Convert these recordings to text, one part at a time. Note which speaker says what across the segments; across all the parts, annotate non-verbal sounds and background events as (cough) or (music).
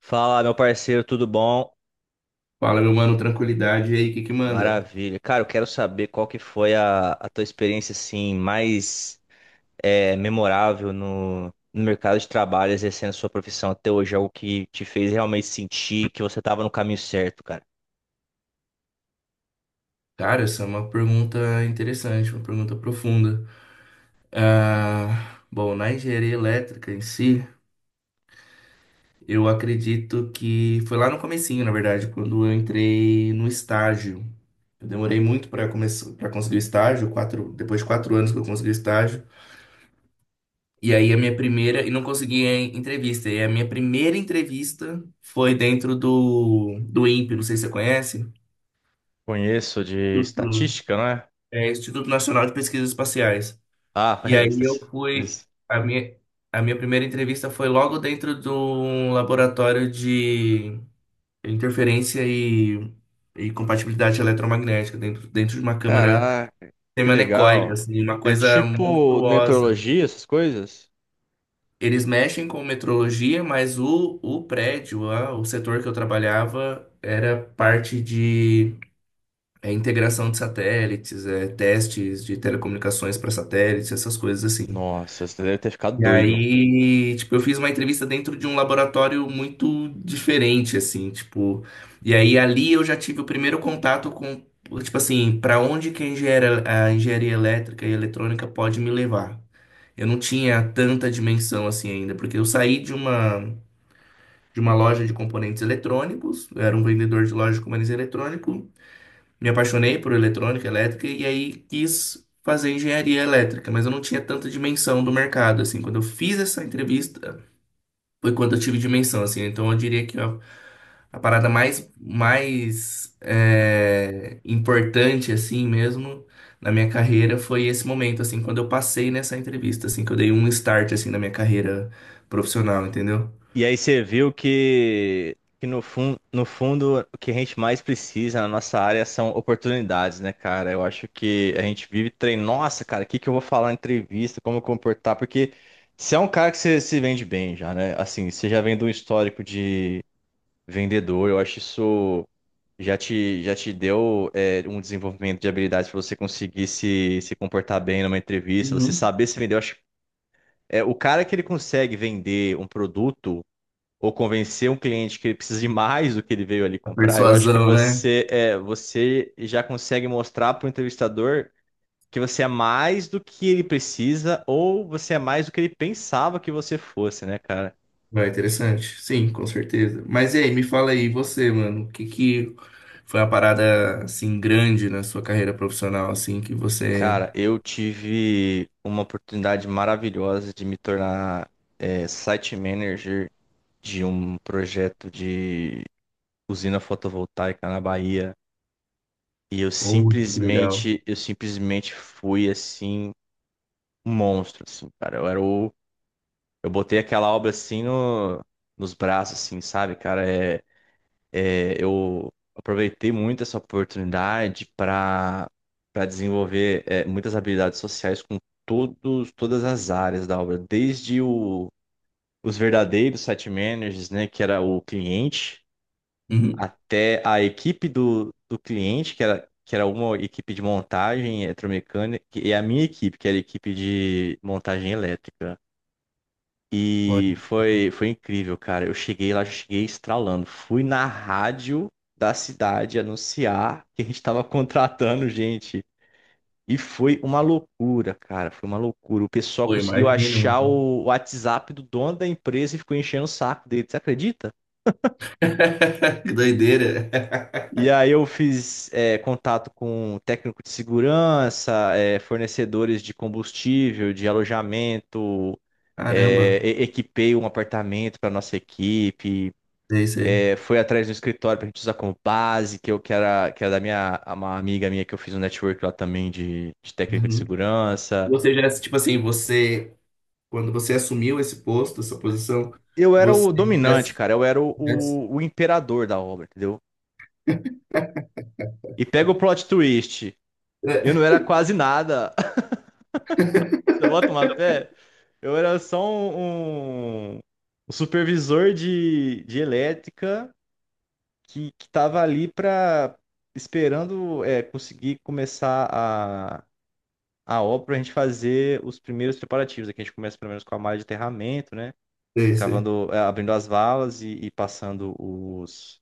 Speaker 1: Fala, meu parceiro, tudo bom?
Speaker 2: Fala, meu mano, tranquilidade. E aí, o que que manda?
Speaker 1: Maravilha. Cara, eu quero saber qual que foi a tua experiência, assim, mais memorável no mercado de trabalho, exercendo sua profissão até hoje, algo que te fez realmente sentir que você estava no caminho certo, cara.
Speaker 2: Cara, essa é uma pergunta interessante, uma pergunta profunda. Bom, na engenharia elétrica em si, eu acredito que foi lá no comecinho, na verdade, quando eu entrei no estágio. Eu demorei muito para começar, para conseguir o estágio, quatro, depois de quatro anos que eu consegui o estágio. E aí a minha primeira, e não consegui a entrevista. E a minha primeira entrevista foi dentro do INPE, não sei se você conhece.
Speaker 1: Conheço de
Speaker 2: Instituto-
Speaker 1: estatística, não é?
Speaker 2: É, Instituto Nacional de Pesquisas Espaciais.
Speaker 1: Ah, (laughs)
Speaker 2: E
Speaker 1: é
Speaker 2: aí
Speaker 1: isso.
Speaker 2: eu fui.
Speaker 1: Isso.
Speaker 2: A minha, a minha primeira entrevista foi logo dentro de um laboratório de interferência e compatibilidade eletromagnética, dentro de uma câmara
Speaker 1: Caraca, que
Speaker 2: semianecoica,
Speaker 1: legal.
Speaker 2: assim, uma
Speaker 1: É
Speaker 2: coisa
Speaker 1: tipo
Speaker 2: monstruosa.
Speaker 1: meteorologia, essas coisas?
Speaker 2: Eles mexem com metrologia, mas o prédio, o setor que eu trabalhava, era parte de integração de satélites, é, testes de telecomunicações para satélites, essas coisas assim.
Speaker 1: Nossa, você deve ter ficado
Speaker 2: E
Speaker 1: doido.
Speaker 2: aí, tipo, eu fiz uma entrevista dentro de um laboratório muito diferente, assim, tipo. E aí ali eu já tive o primeiro contato com, tipo assim, para onde que a engenharia elétrica e eletrônica pode me levar. Eu não tinha tanta dimensão assim ainda, porque eu saí de uma loja de componentes eletrônicos, eu era um vendedor de loja de componentes eletrônicos, me apaixonei por eletrônica, elétrica e aí quis fazer engenharia elétrica, mas eu não tinha tanta dimensão do mercado assim. Quando eu fiz essa entrevista, foi quando eu tive dimensão, assim. Então eu diria que a parada mais, mais importante, assim mesmo, na minha carreira foi esse momento, assim, quando eu passei nessa entrevista, assim, que eu dei um start, assim, na minha carreira profissional, entendeu?
Speaker 1: E aí você viu que no fundo no fundo, o que a gente mais precisa na nossa área são oportunidades, né, cara? Eu acho que a gente vive treinando. Nossa, cara, o que que eu vou falar na entrevista? Como eu comportar? Porque você é um cara que você se vende bem já, né? Assim, você já vem de um histórico de vendedor. Eu acho isso já te deu um desenvolvimento de habilidades para você conseguir se comportar bem numa entrevista, você
Speaker 2: Uhum.
Speaker 1: saber se vender. Eu acho, é, o cara que ele consegue vender um produto ou convencer um cliente que ele precisa de mais do que ele veio ali
Speaker 2: A
Speaker 1: comprar, eu acho que
Speaker 2: persuasão, né?
Speaker 1: você já consegue mostrar para o entrevistador que você é mais do que ele precisa ou você é mais do que ele pensava que você fosse, né, cara?
Speaker 2: Vai, interessante. Sim, com certeza. Mas e aí, me fala aí, você, mano, o que que foi uma parada, assim, grande na sua carreira profissional, assim, que você...
Speaker 1: Cara, eu tive uma oportunidade maravilhosa de me tornar site manager de um projeto de usina fotovoltaica na Bahia. E
Speaker 2: Oh, que legal.
Speaker 1: eu simplesmente fui assim um monstro, assim, cara. Eu era o. Eu botei aquela obra assim no, nos braços, assim, sabe, cara? Eu aproveitei muito essa oportunidade para desenvolver muitas habilidades sociais com todas as áreas da obra, os verdadeiros site managers, né, que era o cliente,
Speaker 2: Uhum.
Speaker 1: até a equipe do cliente, que era. Que era uma equipe de montagem eletromecânica, e a minha equipe, que era a equipe de montagem elétrica. E foi incrível, cara. Eu cheguei lá, cheguei estralando. Fui na rádio da cidade anunciar que a gente estava contratando gente. E foi uma loucura, cara. Foi uma loucura. O pessoal
Speaker 2: Pô,
Speaker 1: conseguiu
Speaker 2: imagino,
Speaker 1: achar
Speaker 2: mano.
Speaker 1: o WhatsApp do dono da empresa e ficou enchendo o saco dele. Você acredita?
Speaker 2: (laughs) Que doideira.
Speaker 1: E aí eu fiz contato com técnico de segurança, é, fornecedores de combustível, de alojamento,
Speaker 2: Caramba,
Speaker 1: equipei um apartamento para nossa equipe.
Speaker 2: é isso aí.
Speaker 1: É, foi atrás do escritório pra gente usar como base, que que era da minha uma amiga minha que eu fiz um network lá também de técnico de
Speaker 2: Uhum.
Speaker 1: segurança.
Speaker 2: Você já, tipo assim, você, quando você assumiu esse posto, essa posição,
Speaker 1: Eu era
Speaker 2: você
Speaker 1: o
Speaker 2: já,
Speaker 1: dominante, cara. Eu era
Speaker 2: já-
Speaker 1: o imperador da obra, entendeu? E pega o plot twist.
Speaker 2: é,
Speaker 1: Eu não era quase nada. (laughs) Você bota uma fé? Eu era só um supervisor de elétrica que tava ali pra esperando conseguir começar a obra para a gente fazer os primeiros preparativos. Aqui a gente começa pelo menos com a malha de aterramento, né?
Speaker 2: é isso aí.
Speaker 1: Cavando, abrindo as valas e passando os,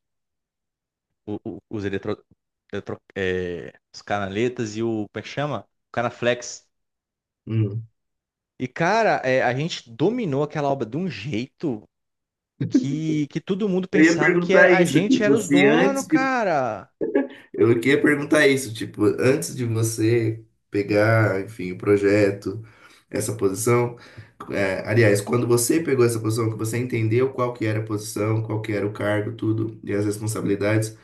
Speaker 1: o- o- os, os canaletas e o, como é que chama? O canaflex.
Speaker 2: Hum.
Speaker 1: E, cara, a gente dominou aquela obra de um jeito que todo mundo
Speaker 2: Eu ia
Speaker 1: pensava
Speaker 2: perguntar
Speaker 1: a
Speaker 2: isso,
Speaker 1: gente era
Speaker 2: tipo,
Speaker 1: os
Speaker 2: se
Speaker 1: donos,
Speaker 2: antes de
Speaker 1: cara.
Speaker 2: Eu queria perguntar isso, tipo, antes de você pegar, enfim, o projeto, essa posição, é, aliás, quando você pegou essa posição, que você entendeu qual que era a posição, qual que era o cargo, tudo, e as responsabilidades,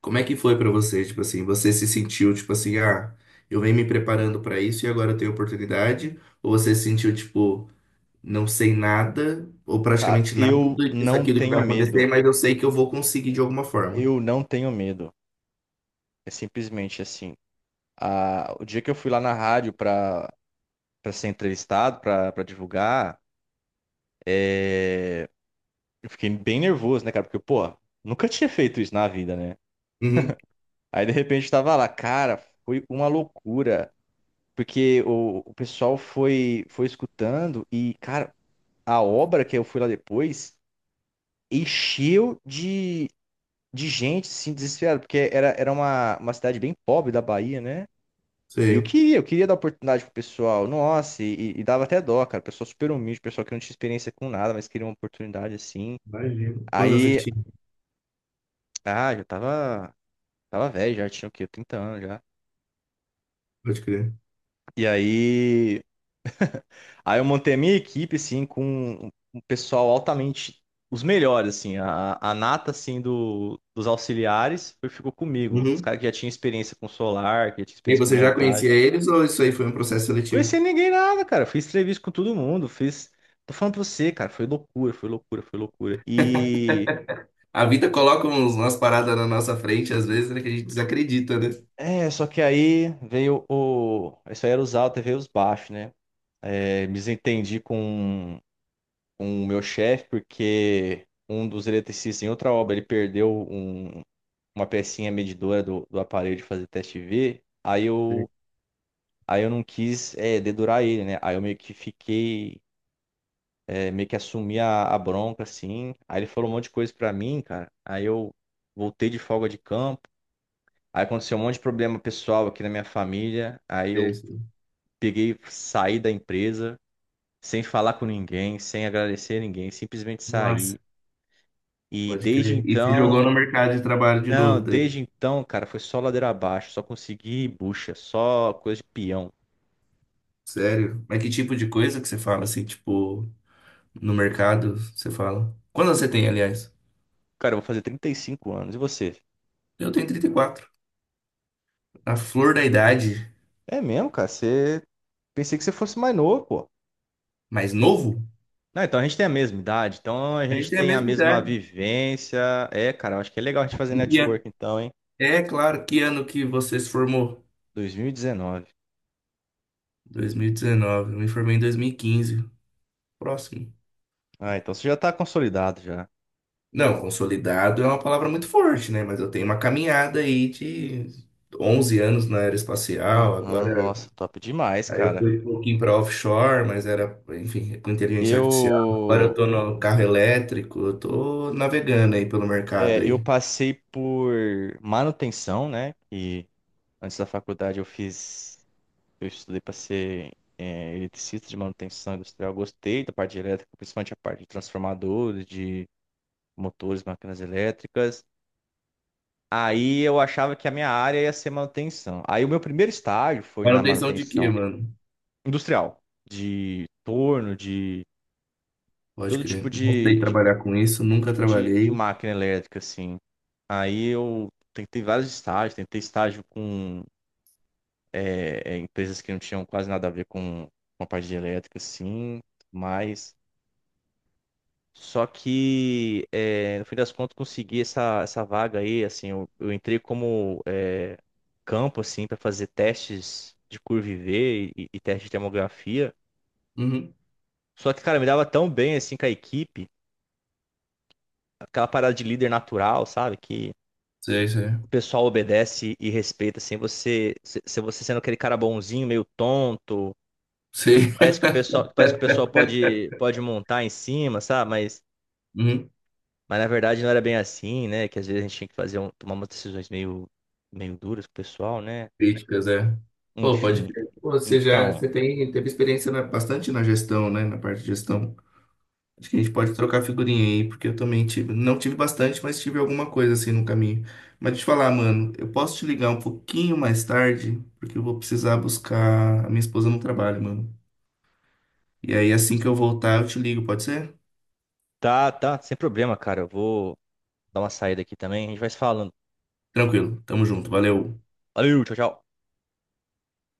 Speaker 2: como é que foi pra você? Tipo assim, você se sentiu, tipo assim, ah, eu venho me preparando pra isso e agora eu tenho oportunidade? Ou você se sentiu, tipo, não sei nada, ou
Speaker 1: Cara,
Speaker 2: praticamente nada
Speaker 1: eu
Speaker 2: disso
Speaker 1: não
Speaker 2: aqui do que
Speaker 1: tenho
Speaker 2: vai
Speaker 1: medo.
Speaker 2: acontecer, mas eu sei que eu vou conseguir de alguma forma?
Speaker 1: Eu não tenho medo. É simplesmente assim. Ah, o dia que eu fui lá na rádio pra para ser entrevistado, para divulgar, é, eu fiquei bem nervoso, né, cara? Porque, pô, nunca tinha feito isso na vida, né?
Speaker 2: Uhum,
Speaker 1: Aí, de repente, eu tava lá, cara, foi uma loucura. Porque o pessoal foi escutando e, cara, a obra que eu fui lá depois encheu de gente, assim, desesperada. Porque era uma cidade bem pobre da Bahia, né? E
Speaker 2: sei.
Speaker 1: eu queria dar oportunidade pro pessoal. Nossa, dava até dó, cara. Pessoal super humilde, pessoal que não tinha experiência com nada, mas queria uma oportunidade assim.
Speaker 2: Imagino. Quantos anos você
Speaker 1: Aí,
Speaker 2: tinha?
Speaker 1: ah, tava velho, já tinha o quê? Trinta anos já.
Speaker 2: Pode crer.
Speaker 1: E aí, aí eu montei a minha equipe, assim, com um pessoal altamente, os melhores, assim. A nata, assim, dos auxiliares ficou comigo. Os
Speaker 2: Uhum.
Speaker 1: caras que já tinham experiência com solar, que já tinham
Speaker 2: E
Speaker 1: experiência com
Speaker 2: você já
Speaker 1: montagem.
Speaker 2: conhecia eles ou isso aí foi um processo
Speaker 1: Conheci
Speaker 2: seletivo?
Speaker 1: ninguém nada, cara. Fiz entrevista com todo mundo, fiz. Tô falando pra você, cara, foi loucura, foi loucura, foi loucura. E.
Speaker 2: A vida coloca uns, umas paradas na nossa frente, às vezes, né, que a gente desacredita, né?
Speaker 1: É, só que aí veio o. Isso aí era os altos e veio os baixos, né? Me desentendi com o meu chefe, porque um dos eletricistas em outra obra ele perdeu uma pecinha medidora do aparelho de fazer teste V.
Speaker 2: Sim.
Speaker 1: Aí eu não quis, é, dedurar ele, né? Aí eu meio que fiquei meio que assumi a bronca, assim. Aí ele falou um monte de coisa pra mim, cara. Aí eu voltei de folga de campo. Aí aconteceu um monte de problema pessoal aqui na minha família. Aí
Speaker 2: É
Speaker 1: eu
Speaker 2: isso.
Speaker 1: peguei, saí da empresa, sem falar com ninguém, sem agradecer a ninguém, simplesmente saí.
Speaker 2: Nossa,
Speaker 1: E
Speaker 2: pode crer. E se jogou no mercado de trabalho de
Speaker 1: não,
Speaker 2: novo, daí?
Speaker 1: desde então, cara, foi só ladeira abaixo, só consegui bucha, só coisa de peão.
Speaker 2: Sério? Mas que tipo de coisa que você fala, assim, tipo, no mercado, você fala? Quantos você tem, aliás?
Speaker 1: Cara, eu vou fazer 35 anos. E você?
Speaker 2: Eu tenho 34. A flor da idade,
Speaker 1: É mesmo, cara? Você. Pensei que você fosse mais novo, pô.
Speaker 2: mais novo?
Speaker 1: Não, então a gente tem a mesma idade, então a
Speaker 2: A gente
Speaker 1: gente
Speaker 2: tem a
Speaker 1: tem a
Speaker 2: mesma
Speaker 1: mesma
Speaker 2: idade.
Speaker 1: vivência. É, cara, eu acho que é legal a gente fazer
Speaker 2: Em que ano?
Speaker 1: network então, hein?
Speaker 2: É claro, que ano que você se formou?
Speaker 1: 2019.
Speaker 2: 2019. Eu me formei em 2015. Próximo.
Speaker 1: Ah, então você já tá consolidado já.
Speaker 2: Não, consolidado é uma palavra muito forte, né? Mas eu tenho uma caminhada aí de 11 anos na aeroespacial.
Speaker 1: Aham,
Speaker 2: Agora,
Speaker 1: nossa, top demais,
Speaker 2: aí eu
Speaker 1: cara.
Speaker 2: fui um pouquinho para offshore, mas era, enfim, com inteligência artificial. Agora eu
Speaker 1: Eu,
Speaker 2: tô no carro elétrico, eu tô navegando aí pelo mercado
Speaker 1: é, eu
Speaker 2: aí.
Speaker 1: passei por manutenção, né? E antes da faculdade eu fiz, eu estudei para ser eletricista de manutenção industrial. Gostei da parte de elétrica, principalmente a parte de transformadores, de motores, máquinas elétricas. Aí eu achava que a minha área ia ser manutenção. Aí o meu primeiro estágio foi na
Speaker 2: Manutenção de quê,
Speaker 1: manutenção
Speaker 2: mano?
Speaker 1: industrial, de torno, de
Speaker 2: Pode
Speaker 1: todo tipo
Speaker 2: crer. Não sei
Speaker 1: de, de- de-
Speaker 2: trabalhar com isso,
Speaker 1: todo
Speaker 2: nunca
Speaker 1: tipo de
Speaker 2: trabalhei.
Speaker 1: máquina elétrica, assim. Aí eu tentei vários estágios, tentei estágio com empresas que não tinham quase nada a ver com a parte de elétrica, assim, mas só que, no fim das contas, consegui essa vaga aí, assim, eu entrei como campo, assim, para fazer testes de curva IV e teste de termografia.
Speaker 2: Uhum.
Speaker 1: Só que, cara, me dava tão bem, assim, com a equipe, aquela parada de líder natural, sabe? Que
Speaker 2: Sei, sei.
Speaker 1: o pessoal obedece e respeita, assim, você, se você sendo aquele cara bonzinho, meio tonto,
Speaker 2: Sei.
Speaker 1: parece
Speaker 2: (laughs)
Speaker 1: que o pessoal, parece que o pessoal pode montar em cima, sabe? Mas
Speaker 2: Uhum.
Speaker 1: Mas na verdade não era bem assim, né? Que às vezes a gente tinha que fazer tomar umas decisões meio duras com o pessoal, né?
Speaker 2: Críticas, é. Pô, pode
Speaker 1: Enfim.
Speaker 2: crer. Pô, você já,
Speaker 1: Então,
Speaker 2: você tem, teve experiência bastante na gestão, né? Na parte de gestão. Acho que a gente pode trocar figurinha aí, porque eu também tive, não tive bastante, mas tive alguma coisa assim no caminho. Mas deixa eu te falar, mano, eu posso te ligar um pouquinho mais tarde, porque eu vou precisar buscar a minha esposa no trabalho, mano. E aí, assim que eu voltar, eu te ligo, pode ser?
Speaker 1: tá, tá, sem problema, cara. Eu vou dar uma saída aqui também. A gente vai se falando.
Speaker 2: Tranquilo, tamo junto, valeu.
Speaker 1: Valeu, tchau, tchau.